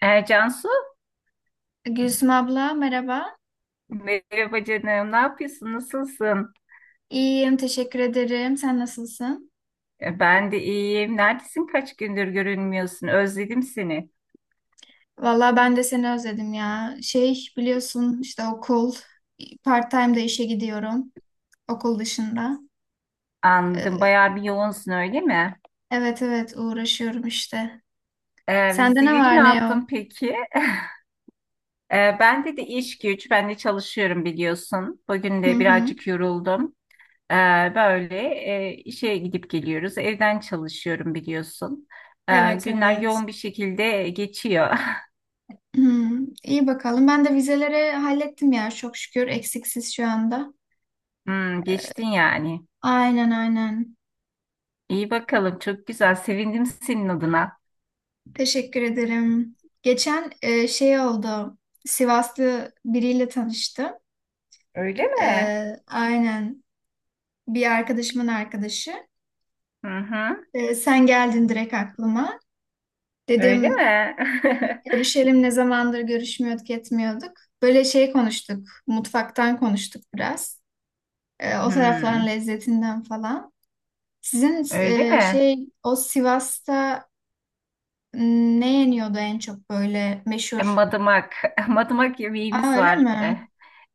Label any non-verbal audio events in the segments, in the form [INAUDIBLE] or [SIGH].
Cansu, Gülsüm abla merhaba. merhaba canım. Ne yapıyorsun? Nasılsın? İyiyim teşekkür ederim. Sen nasılsın? Ben de iyiyim. Neredesin? Kaç gündür görünmüyorsun? Özledim seni. Valla ben de seni özledim ya. Şey biliyorsun işte okul part-time de işe gidiyorum okul dışında. Anladım. Ee, Bayağı bir yoğunsun, öyle mi? evet evet uğraşıyorum işte. Sende ne Vizeleri ne var ne yok? yaptın peki? Bende de iş güç. Ben de çalışıyorum biliyorsun. Bugün Hı de hı. birazcık yoruldum. E, böyle işe gidip geliyoruz. Evden çalışıyorum biliyorsun. Evet Günler evet. yoğun bir şekilde geçiyor. [LAUGHS] Hı, iyi bakalım. Ben de vizeleri hallettim ya çok şükür eksiksiz şu anda. Hmm, Ee, geçtin yani. Aynen aynen. İyi bakalım. Çok güzel. Sevindim senin adına. Teşekkür ederim. Geçen şey oldu. Sivaslı biriyle tanıştım. Öyle E, mi? aynen bir arkadaşımın arkadaşı. Hı hı. E, sen geldin direkt aklıma. Öyle Dedim mi? [LAUGHS] görüşelim, ne zamandır görüşmüyorduk etmiyorduk. Böyle şey konuştuk. Mutfaktan konuştuk biraz. O tarafların Hmm, lezzetinden falan. Sizin öyle mi? şey o Sivas'ta ne yeniyordu en çok böyle meşhur? Madımak. [LAUGHS] Madımak Aa, yemeğimiz öyle var. mi? Eh,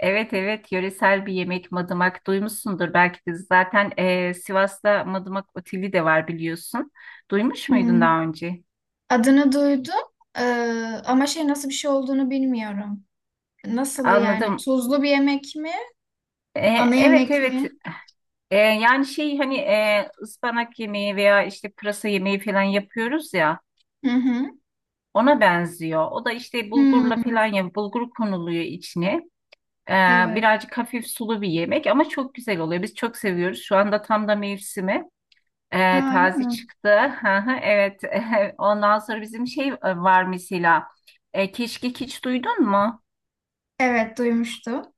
evet evet, yöresel bir yemek madımak, duymuşsundur belki de zaten. Sivas'ta Madımak Oteli de var biliyorsun. Duymuş muydun Hmm. daha önce? Adını duydum. Ee, ama şey nasıl bir şey olduğunu bilmiyorum. Nasıl yani? Anladım. Tuzlu bir yemek mi? Ana Evet yemek evet. mi? Yani şey hani ıspanak yemeği veya işte pırasa yemeği falan yapıyoruz ya. Hı hı. Ona benziyor. O da işte bulgurla Hmm, falan, ya bulgur konuluyor içine. Ee, evet. Birazcık hafif sulu bir yemek ama çok güzel oluyor. Biz çok seviyoruz. Şu anda tam da mevsimi. Ha, öyle Taze mi? çıktı. [LAUGHS] Hı hı, evet. [LAUGHS] Ondan sonra bizim şey var mesela. Keşkek hiç duydun mu? Evet duymuştum.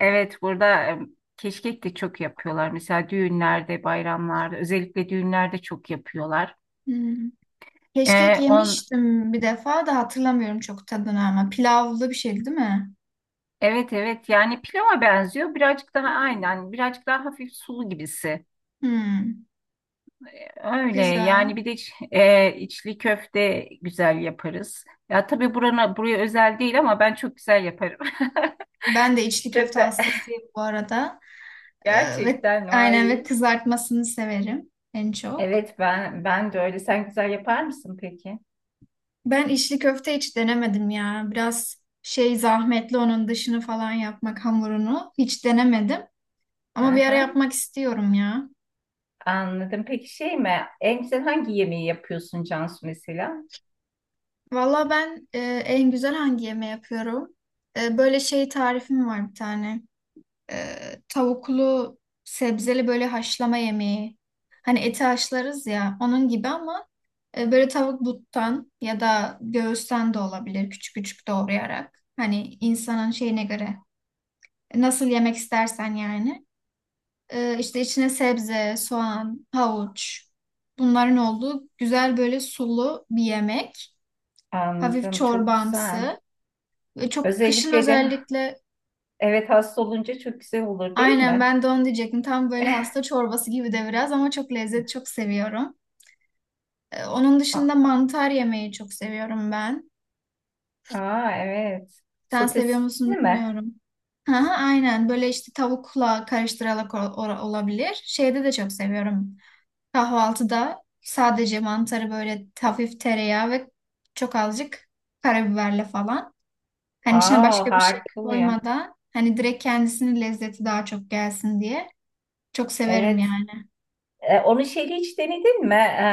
Evet, burada keşkek de çok yapıyorlar. Mesela düğünlerde, bayramlarda, özellikle düğünlerde çok yapıyorlar. Hmm. Keşkek E, on, yemiştim bir defa da hatırlamıyorum çok tadını ama pilavlı bir şeydi değil mi? Evet evet, yani pilava benziyor birazcık, daha aynen birazcık daha hafif sulu gibisi, Hmm, öyle güzel. yani. Bir de içli köfte güzel yaparız ya, tabii burana buraya özel değil ama ben çok güzel yaparım. [LAUGHS] Ben de içli Çok köfte da hastasıyım bu arada. [LAUGHS] Ve gerçekten aynen vay. kızartmasını severim en çok. Evet ben, ben de öyle. Sen güzel yapar mısın peki? Ben içli köfte hiç denemedim ya. Biraz şey zahmetli onun dışını falan yapmak hamurunu. Hiç denemedim. Hı Ama bir ara hı. yapmak istiyorum ya. Anladım. Peki şey mi? En güzel hangi yemeği yapıyorsun Cansu mesela? Valla ben en güzel hangi yemeği yapıyorum? Böyle şey tarifim var bir tane. E, tavuklu sebzeli böyle haşlama yemeği. Hani eti haşlarız ya onun gibi ama böyle tavuk buttan ya da göğüsten de olabilir küçük küçük doğrayarak. Hani insanın şeyine göre nasıl yemek istersen yani. İşte içine sebze, soğan, havuç bunların olduğu güzel böyle sulu bir yemek. Hafif Anladım, çok güzel. çorbamsı ve çok kışın Özellikle de özellikle evet, hasta olunca çok güzel olur değil aynen mi? ben de onu diyecektim. Tam böyle hasta çorbası gibi de biraz ama çok lezzet çok seviyorum. Onun A- dışında mantar yemeyi çok seviyorum ben. Aa, evet. Sen seviyor Sotesini musun mi? bilmiyorum. Hı hı, aynen böyle işte tavukla karıştırarak olabilir. Şeyde de çok seviyorum. Kahvaltıda sadece mantarı böyle hafif tereyağı ve çok azıcık karabiberle falan. Hani içine Aa, başka bir şey harika oluyor. koymadan hani direkt kendisinin lezzeti daha çok gelsin diye. Çok severim Evet. yani. Onu şeyle hiç denedin mi? E,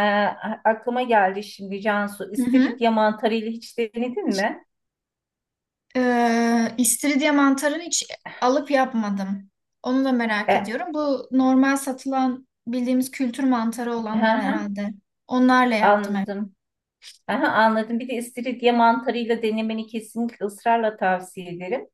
a- Aklıma geldi şimdi Cansu. Hı hı. İstiridye mantarıyla hiç denedin mi? İstiridye mantarını hiç alıp yapmadım. Onu da merak E, ediyorum. Bu normal satılan bildiğimiz kültür mantarı hı olanlar hı, herhalde. Onlarla yaptım hep. anladım. Aha, anladım. Bir de istiridye mantarıyla denemeni kesinlikle ısrarla tavsiye ederim.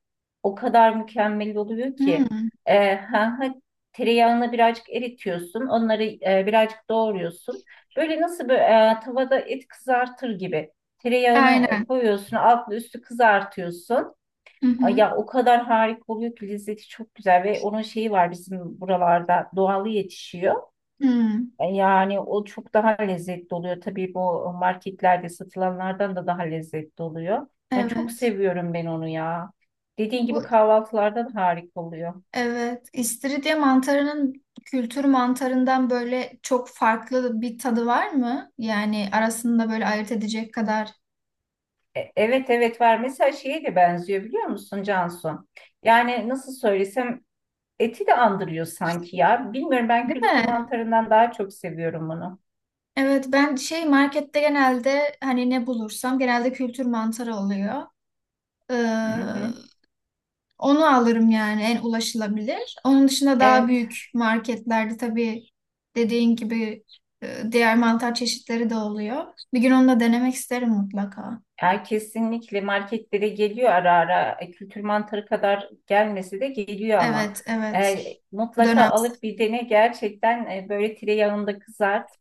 O kadar mükemmel oluyor ki. Hmm, Ee, ha, ha, Tereyağını birazcık eritiyorsun. Onları birazcık doğruyorsun. Böyle nasıl böyle, tavada et kızartır gibi. Tereyağını aynen. koyuyorsun. Altlı üstü kızartıyorsun. Hı Ay hı. ya, o kadar harika oluyor ki, lezzeti çok güzel ve onun şeyi var, bizim buralarda doğalı yetişiyor. Hmm, Yani o çok daha lezzetli oluyor. Tabii bu marketlerde satılanlardan da daha lezzetli oluyor. Ben çok evet. seviyorum ben onu ya. Dediğin Bu gibi kahvaltılardan harika oluyor. evet, istiridye mantarının kültür mantarından böyle çok farklı bir tadı var mı? Yani arasında böyle ayırt edecek kadar, Evet evet var. Mesela şeye de benziyor, biliyor musun Cansu? Yani nasıl söylesem, eti de andırıyor sanki ya. Bilmiyorum, ben değil kültür mi? mantarından daha çok seviyorum bunu. Evet, ben şey markette genelde hani ne bulursam genelde kültür mantarı oluyor. Ee, Hı hı. onu alırım yani en ulaşılabilir. Onun dışında daha Evet. büyük marketlerde tabii dediğin gibi diğer mantar çeşitleri de oluyor. Bir gün onu da denemek isterim mutlaka. Yani kesinlikle marketlere geliyor ara ara. Kültür mantarı kadar gelmesi de geliyor ama. Evet, evet. E, Mutlaka Dönem. alıp bir dene gerçekten, böyle tereyağında kızart.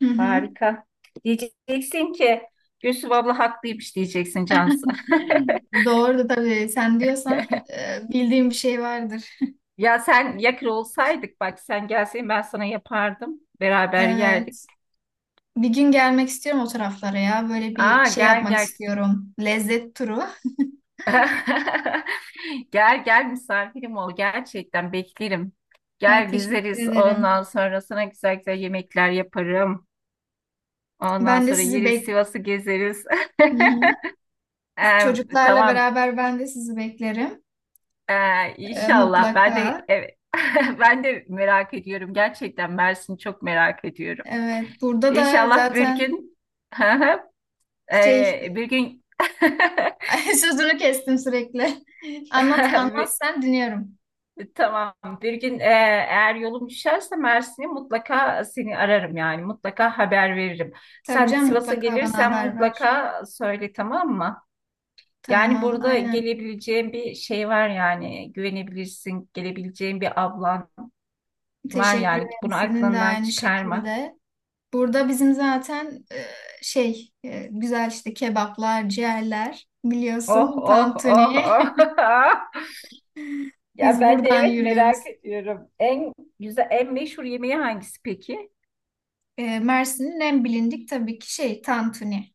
Hı hı. Harika. Diyeceksin ki Gülsüm abla haklıymış, diyeceksin Cansu. [LAUGHS] Doğru tabii. Sen diyorsan bildiğim bir şey vardır. Ya sen yakır olsaydık, bak sen gelseydin ben sana yapardım. Beraber yerdik. Evet. Bir gün gelmek istiyorum o taraflara ya. Böyle bir Aa, şey gel yapmak gel. istiyorum. Lezzet turu. [LAUGHS] Gel gel, misafirim ol, gerçekten beklerim. Ay Gel teşekkür gezeriz, ederim. ondan sonra sana güzel güzel yemekler yaparım. Ondan Ben de sonra sizi yeriz, bek. Sivas'ı gezeriz. [LAUGHS] Hı hı. Ee, Çocuklarla tamam. beraber ben de sizi beklerim. İnşallah ben de, Mutlaka. evet. [LAUGHS] Ben de merak ediyorum gerçekten, Mersin'i çok merak ediyorum. Evet. Burada da İnşallah bir zaten gün, [LAUGHS] şey bir gün. [LAUGHS] sözünü kestim sürekli. Anlat, anlat, [LAUGHS] [LAUGHS] sen dinliyorum. Tamam. Bir gün, eğer yolum düşerse Mersin'e, mutlaka seni ararım yani. Mutlaka haber veririm. Tabii Sen canım Sivas'a mutlaka bana gelirsen haber ver. mutlaka söyle, tamam mı? Yani Tamam, burada aynen. gelebileceğin bir şey var yani. Güvenebilirsin. Gelebileceğin bir ablan var Teşekkür yani. ederim. Bunu Senin de aklından aynı çıkarma. şekilde. Burada bizim zaten şey güzel işte kebaplar, ciğerler Oh biliyorsun oh oh tantuni. oh. [LAUGHS] [LAUGHS] Ya Biz ben de buradan evet, merak yürüyoruz. ediyorum. En güzel, en meşhur yemeği hangisi peki? Mersin'in en bilindik tabii ki şey tantuni.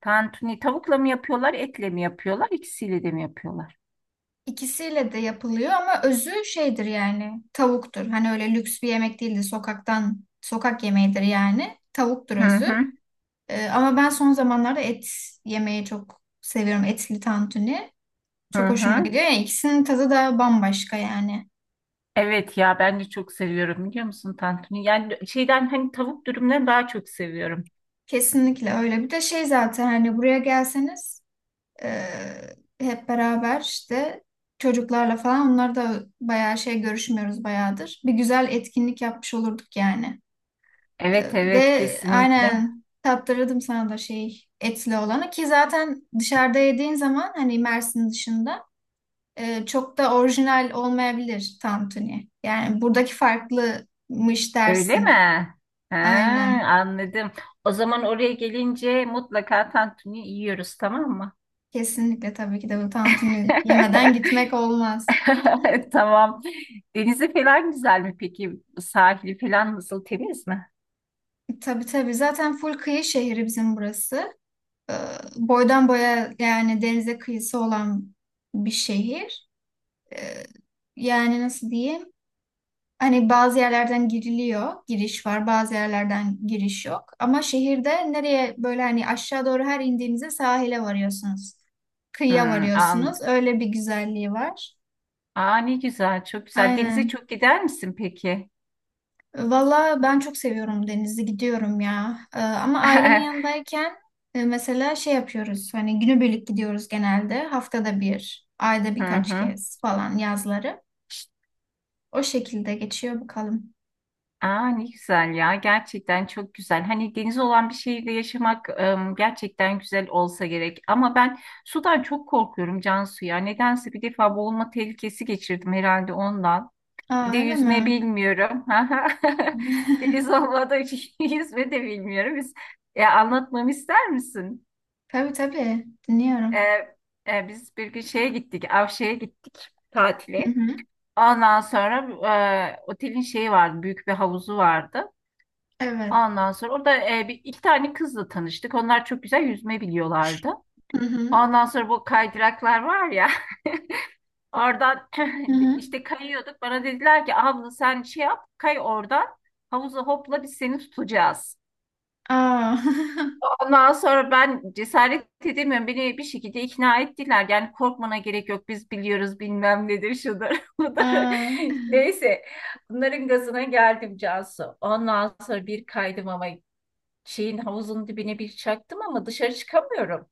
Tantuni tavukla mı yapıyorlar, etle mi yapıyorlar, ikisiyle de mi yapıyorlar? İkisiyle de yapılıyor ama özü şeydir yani tavuktur. Hani öyle lüks bir yemek değildir. Sokaktan sokak yemeğidir yani. Tavuktur Hı özü. hı, Ama ben son zamanlarda et yemeyi çok seviyorum. Etli tantuni. Çok hı hoşuma hı. gidiyor ya. İkisinin tadı da bambaşka yani. Evet ya, ben de çok seviyorum biliyor musun tantuni? Yani şeyden hani tavuk dürümden daha çok seviyorum. Kesinlikle öyle. Bir de şey zaten hani buraya gelseniz e, hep beraber işte çocuklarla falan onlar da bayağı şey görüşmüyoruz bayağıdır. Bir güzel etkinlik yapmış olurduk yani. E, Evet evet, ve kesinlikle. aynen tattırırdım sana da şey etli olanı ki zaten dışarıda yediğin zaman hani Mersin dışında çok da orijinal olmayabilir tantuni. Yani buradaki farklımış Öyle mi? dersin. Ha, Aynen. anladım. O zaman oraya gelince mutlaka tantuni yiyoruz, tamam mı? Kesinlikle tabii ki de bu tantuni yemeden gitmek olmaz. [LAUGHS] Tamam. Denizi falan güzel mi peki? Sahili falan nasıl, temiz mi? Tabii tabii zaten full kıyı şehri bizim burası. Ee, boydan boya yani denize kıyısı olan bir şehir. Ee, yani nasıl diyeyim? Hani bazı yerlerden giriliyor, giriş var, bazı yerlerden giriş yok. Ama şehirde nereye böyle hani aşağı doğru her indiğinizde sahile varıyorsunuz. Kıyıya Hmm, varıyorsunuz. anladım. Öyle bir güzelliği var. Aa ne güzel, çok güzel. Denize Aynen. çok gider misin peki? Valla ben çok seviyorum denizi gidiyorum ya. Ama ailemin [LAUGHS] yanındayken mesela şey yapıyoruz. Hani günübirlik gidiyoruz genelde. Haftada bir, ayda Hı birkaç hı. kez falan yazları. O şekilde geçiyor bakalım. Aa, ne güzel ya, gerçekten çok güzel. Hani deniz olan bir şehirde yaşamak em, gerçekten güzel olsa gerek. Ama ben sudan çok korkuyorum Cansu ya. Nedense bir defa boğulma tehlikesi geçirdim herhalde, ondan. Bir de Aa, öyle yüzme mi? bilmiyorum. [LAUGHS] [LAUGHS] Deniz [LAUGHS] olmadığı için [LAUGHS] yüzme de bilmiyorum. Anlatmamı ister misin? Tabii tabii. E, Dinliyorum. Biz bir gün şeye gittik, Avşe'ye gittik Hı tatile. hı. Ondan sonra otelin şeyi vardı, büyük bir havuzu vardı. Evet. Ondan sonra orada bir, iki tane kızla tanıştık. Onlar çok güzel yüzme biliyorlardı. Hı hı. Ondan sonra bu kaydıraklar var ya, [LAUGHS] oradan Hı [CLEARS THROAT] hı. işte kayıyorduk. Bana dediler ki abla sen şey yap, kay oradan havuza hopla, biz seni tutacağız. Aa. Ondan sonra ben cesaret edemiyorum. Beni bir şekilde ikna ettiler. Yani korkmana gerek yok. Biz biliyoruz, bilmem nedir, şudur [LAUGHS] [LAUGHS] budur. Aa. Neyse, bunların gazına geldim Cansu. Ondan sonra bir kaydım ama şeyin, havuzun dibine bir çaktım ama dışarı çıkamıyorum.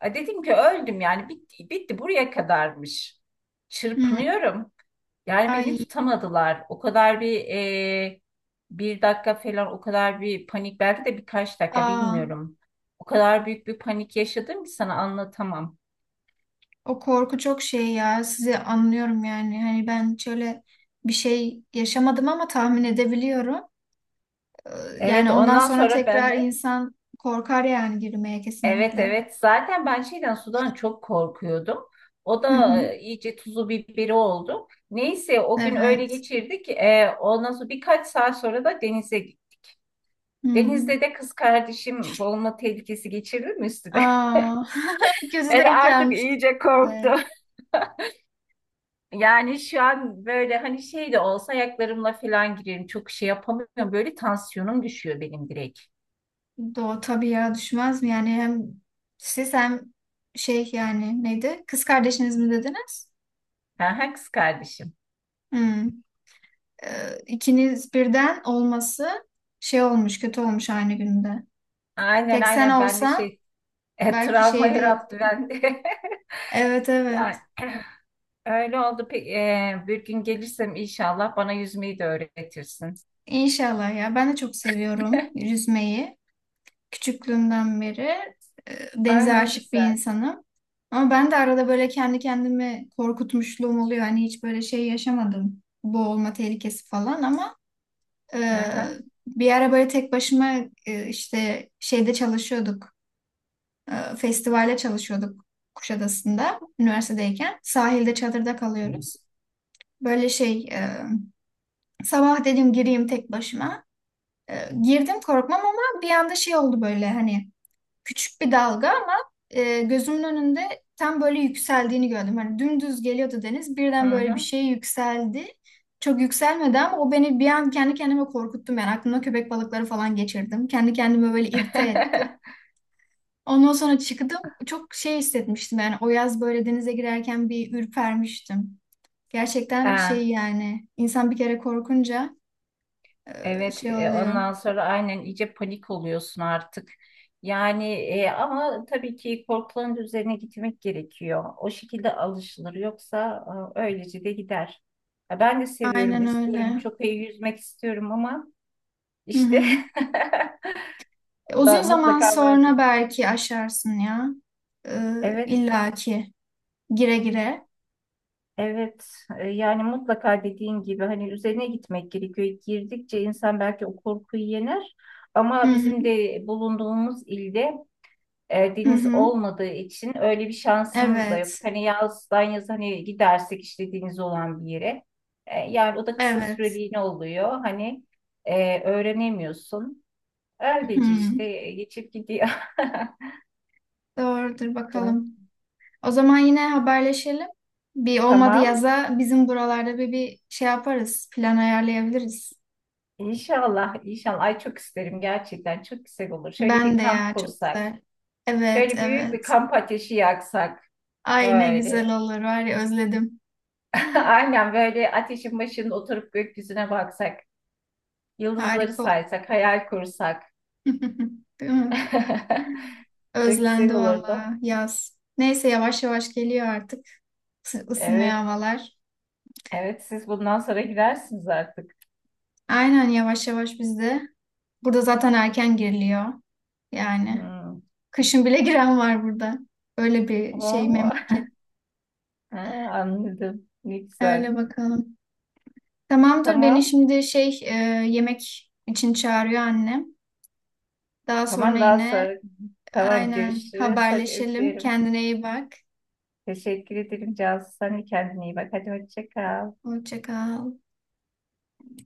A dedim ki öldüm yani, bitti, bitti, buraya kadarmış. Hı. Çırpınıyorum. Yani beni Ay. tutamadılar. O kadar bir e, Bir dakika falan, o kadar bir panik, belki de birkaç dakika Aa. bilmiyorum. O kadar büyük bir panik yaşadım ki sana anlatamam. O korku çok şey ya. Sizi anlıyorum yani. Hani ben şöyle bir şey yaşamadım ama tahmin edebiliyorum. Ee, Yani Evet ondan ondan sonra sonra ben tekrar de insan korkar yani girmeye Evet kesinlikle. evet, zaten ben şeyden, sudan çok korkuyordum. O Hı da hı. İyice tuzu biberi oldu. Neyse, o gün öyle Evet. geçirdik. Ondan sonra birkaç saat sonra da denize gittik. Hı. hı. Denizde de kız kardeşim boğulma tehlikesi geçirdi mi üstüne? [LAUGHS] Aa, [LAUGHS] kötü Ben denk artık gelmişti. iyice korktum. Yani şu an böyle hani şey de olsa ayaklarımla falan girerim. Çok şey yapamıyorum. Böyle tansiyonum düşüyor benim direkt. Doğu tabii ya düşmez mi? Yani hem siz hem şey yani neydi? Kız kardeşiniz mi dediniz? Ha, ha, kız kardeşim. Hı. İkiniz birden olması şey olmuş, kötü olmuş aynı günde. Aynen Tek sen aynen, ben de olsan şey, belki travma şey değil. yarattı bende. Evet [LAUGHS] evet. Yani öyle oldu. Bir gün gelirsem inşallah bana yüzmeyi de öğretirsin. İnşallah ya. Ben de çok seviyorum yüzmeyi. Küçüklüğümden beri Ay denize ne aşık bir güzel. insanım. Ama ben de arada böyle kendi kendimi korkutmuşluğum oluyor. Hani hiç böyle şey yaşamadım. Boğulma tehlikesi falan ama Hı e, hı. bir ara böyle tek başıma işte şeyde çalışıyorduk. Festivalde çalışıyorduk Kuşadası'nda üniversitedeyken. Sahilde çadırda kalıyoruz. Böyle şey sabah dedim gireyim tek başıma. Girdim korkmam ama bir anda şey oldu böyle hani küçük bir dalga ama gözümün önünde tam böyle yükseldiğini gördüm. Hani dümdüz geliyordu deniz Hı birden böyle bir hı. şey yükseldi. Çok yükselmedi ama o beni bir an kendi kendime korkuttum yani aklımda köpek balıkları falan geçirdim. Kendi kendime böyle irite ettim. [LAUGHS] Ondan sonra çıktım çok şey hissetmiştim yani o yaz böyle denize girerken bir ürpermiştim. Gerçekten şey Ha, yani insan bir kere korkunca evet. şey oluyor. Ondan sonra aynen iyice panik oluyorsun artık. Yani ama tabii ki korkuların üzerine gitmek gerekiyor. O şekilde alışılır. Yoksa öylece de gider. Ya ben de seviyorum, Aynen istiyorum. öyle. Çok iyi yüzmek istiyorum ama Hı işte hı. E, [LAUGHS] uzun da zaman mutlaka vardır. sonra belki aşarsın ya. Evet. İllaki gire gire. Evet, yani mutlaka dediğin gibi hani üzerine gitmek gerekiyor. Girdikçe insan belki o korkuyu yener Hı ama hı. bizim de bulunduğumuz ilde Hı deniz hı. olmadığı için öyle bir şansımız da yok. Evet. Hani yazdan yaz hani gidersek işte deniz olan bir yere. Yani o da kısa Evet. süreliğine oluyor. Hani öğrenemiyorsun. Öylece işte Hı. Geçip gidiyor. Doğrudur [LAUGHS] bakalım. O zaman yine haberleşelim. Bir olmadı Tamam. yaza bizim buralarda bir şey yaparız. Plan ayarlayabiliriz. İnşallah, inşallah. Ay çok isterim gerçekten. Çok güzel olur. Şöyle Ben bir de kamp ya çok kursak. güzel. Evet Şöyle büyük bir evet. kamp ateşi yaksak Ay ne böyle. güzel olur var ya özledim. [LAUGHS] Aynen böyle ateşin başında oturup gökyüzüne baksak, yıldızları Harika olur. saysak, hayal kursak. [LAUGHS] Değil mi? [LAUGHS] Çok Özlendi güzel olurdu. valla yaz. Neyse yavaş yavaş geliyor artık ısınıyor Evet, havalar. evet siz bundan sonra gidersiniz artık. Aynen yavaş yavaş bizde. Burada zaten erken giriliyor. Yani Hmm. kışın bile [LAUGHS] giren var burada. Öyle bir şey Oo, [LAUGHS] memleket. he, anladım. Ne güzel. Öyle bakalım. Tamamdır beni Tamam, şimdi şey yemek için çağırıyor annem. Daha sonra tamam daha yine sonra. Tamam aynen görüşürüz. Hadi haberleşelim. öpüyorum. Kendine iyi bak. Teşekkür ederim Cansu. Sen de kendine iyi bak. Hadi hoşça kal. Hoşça kal.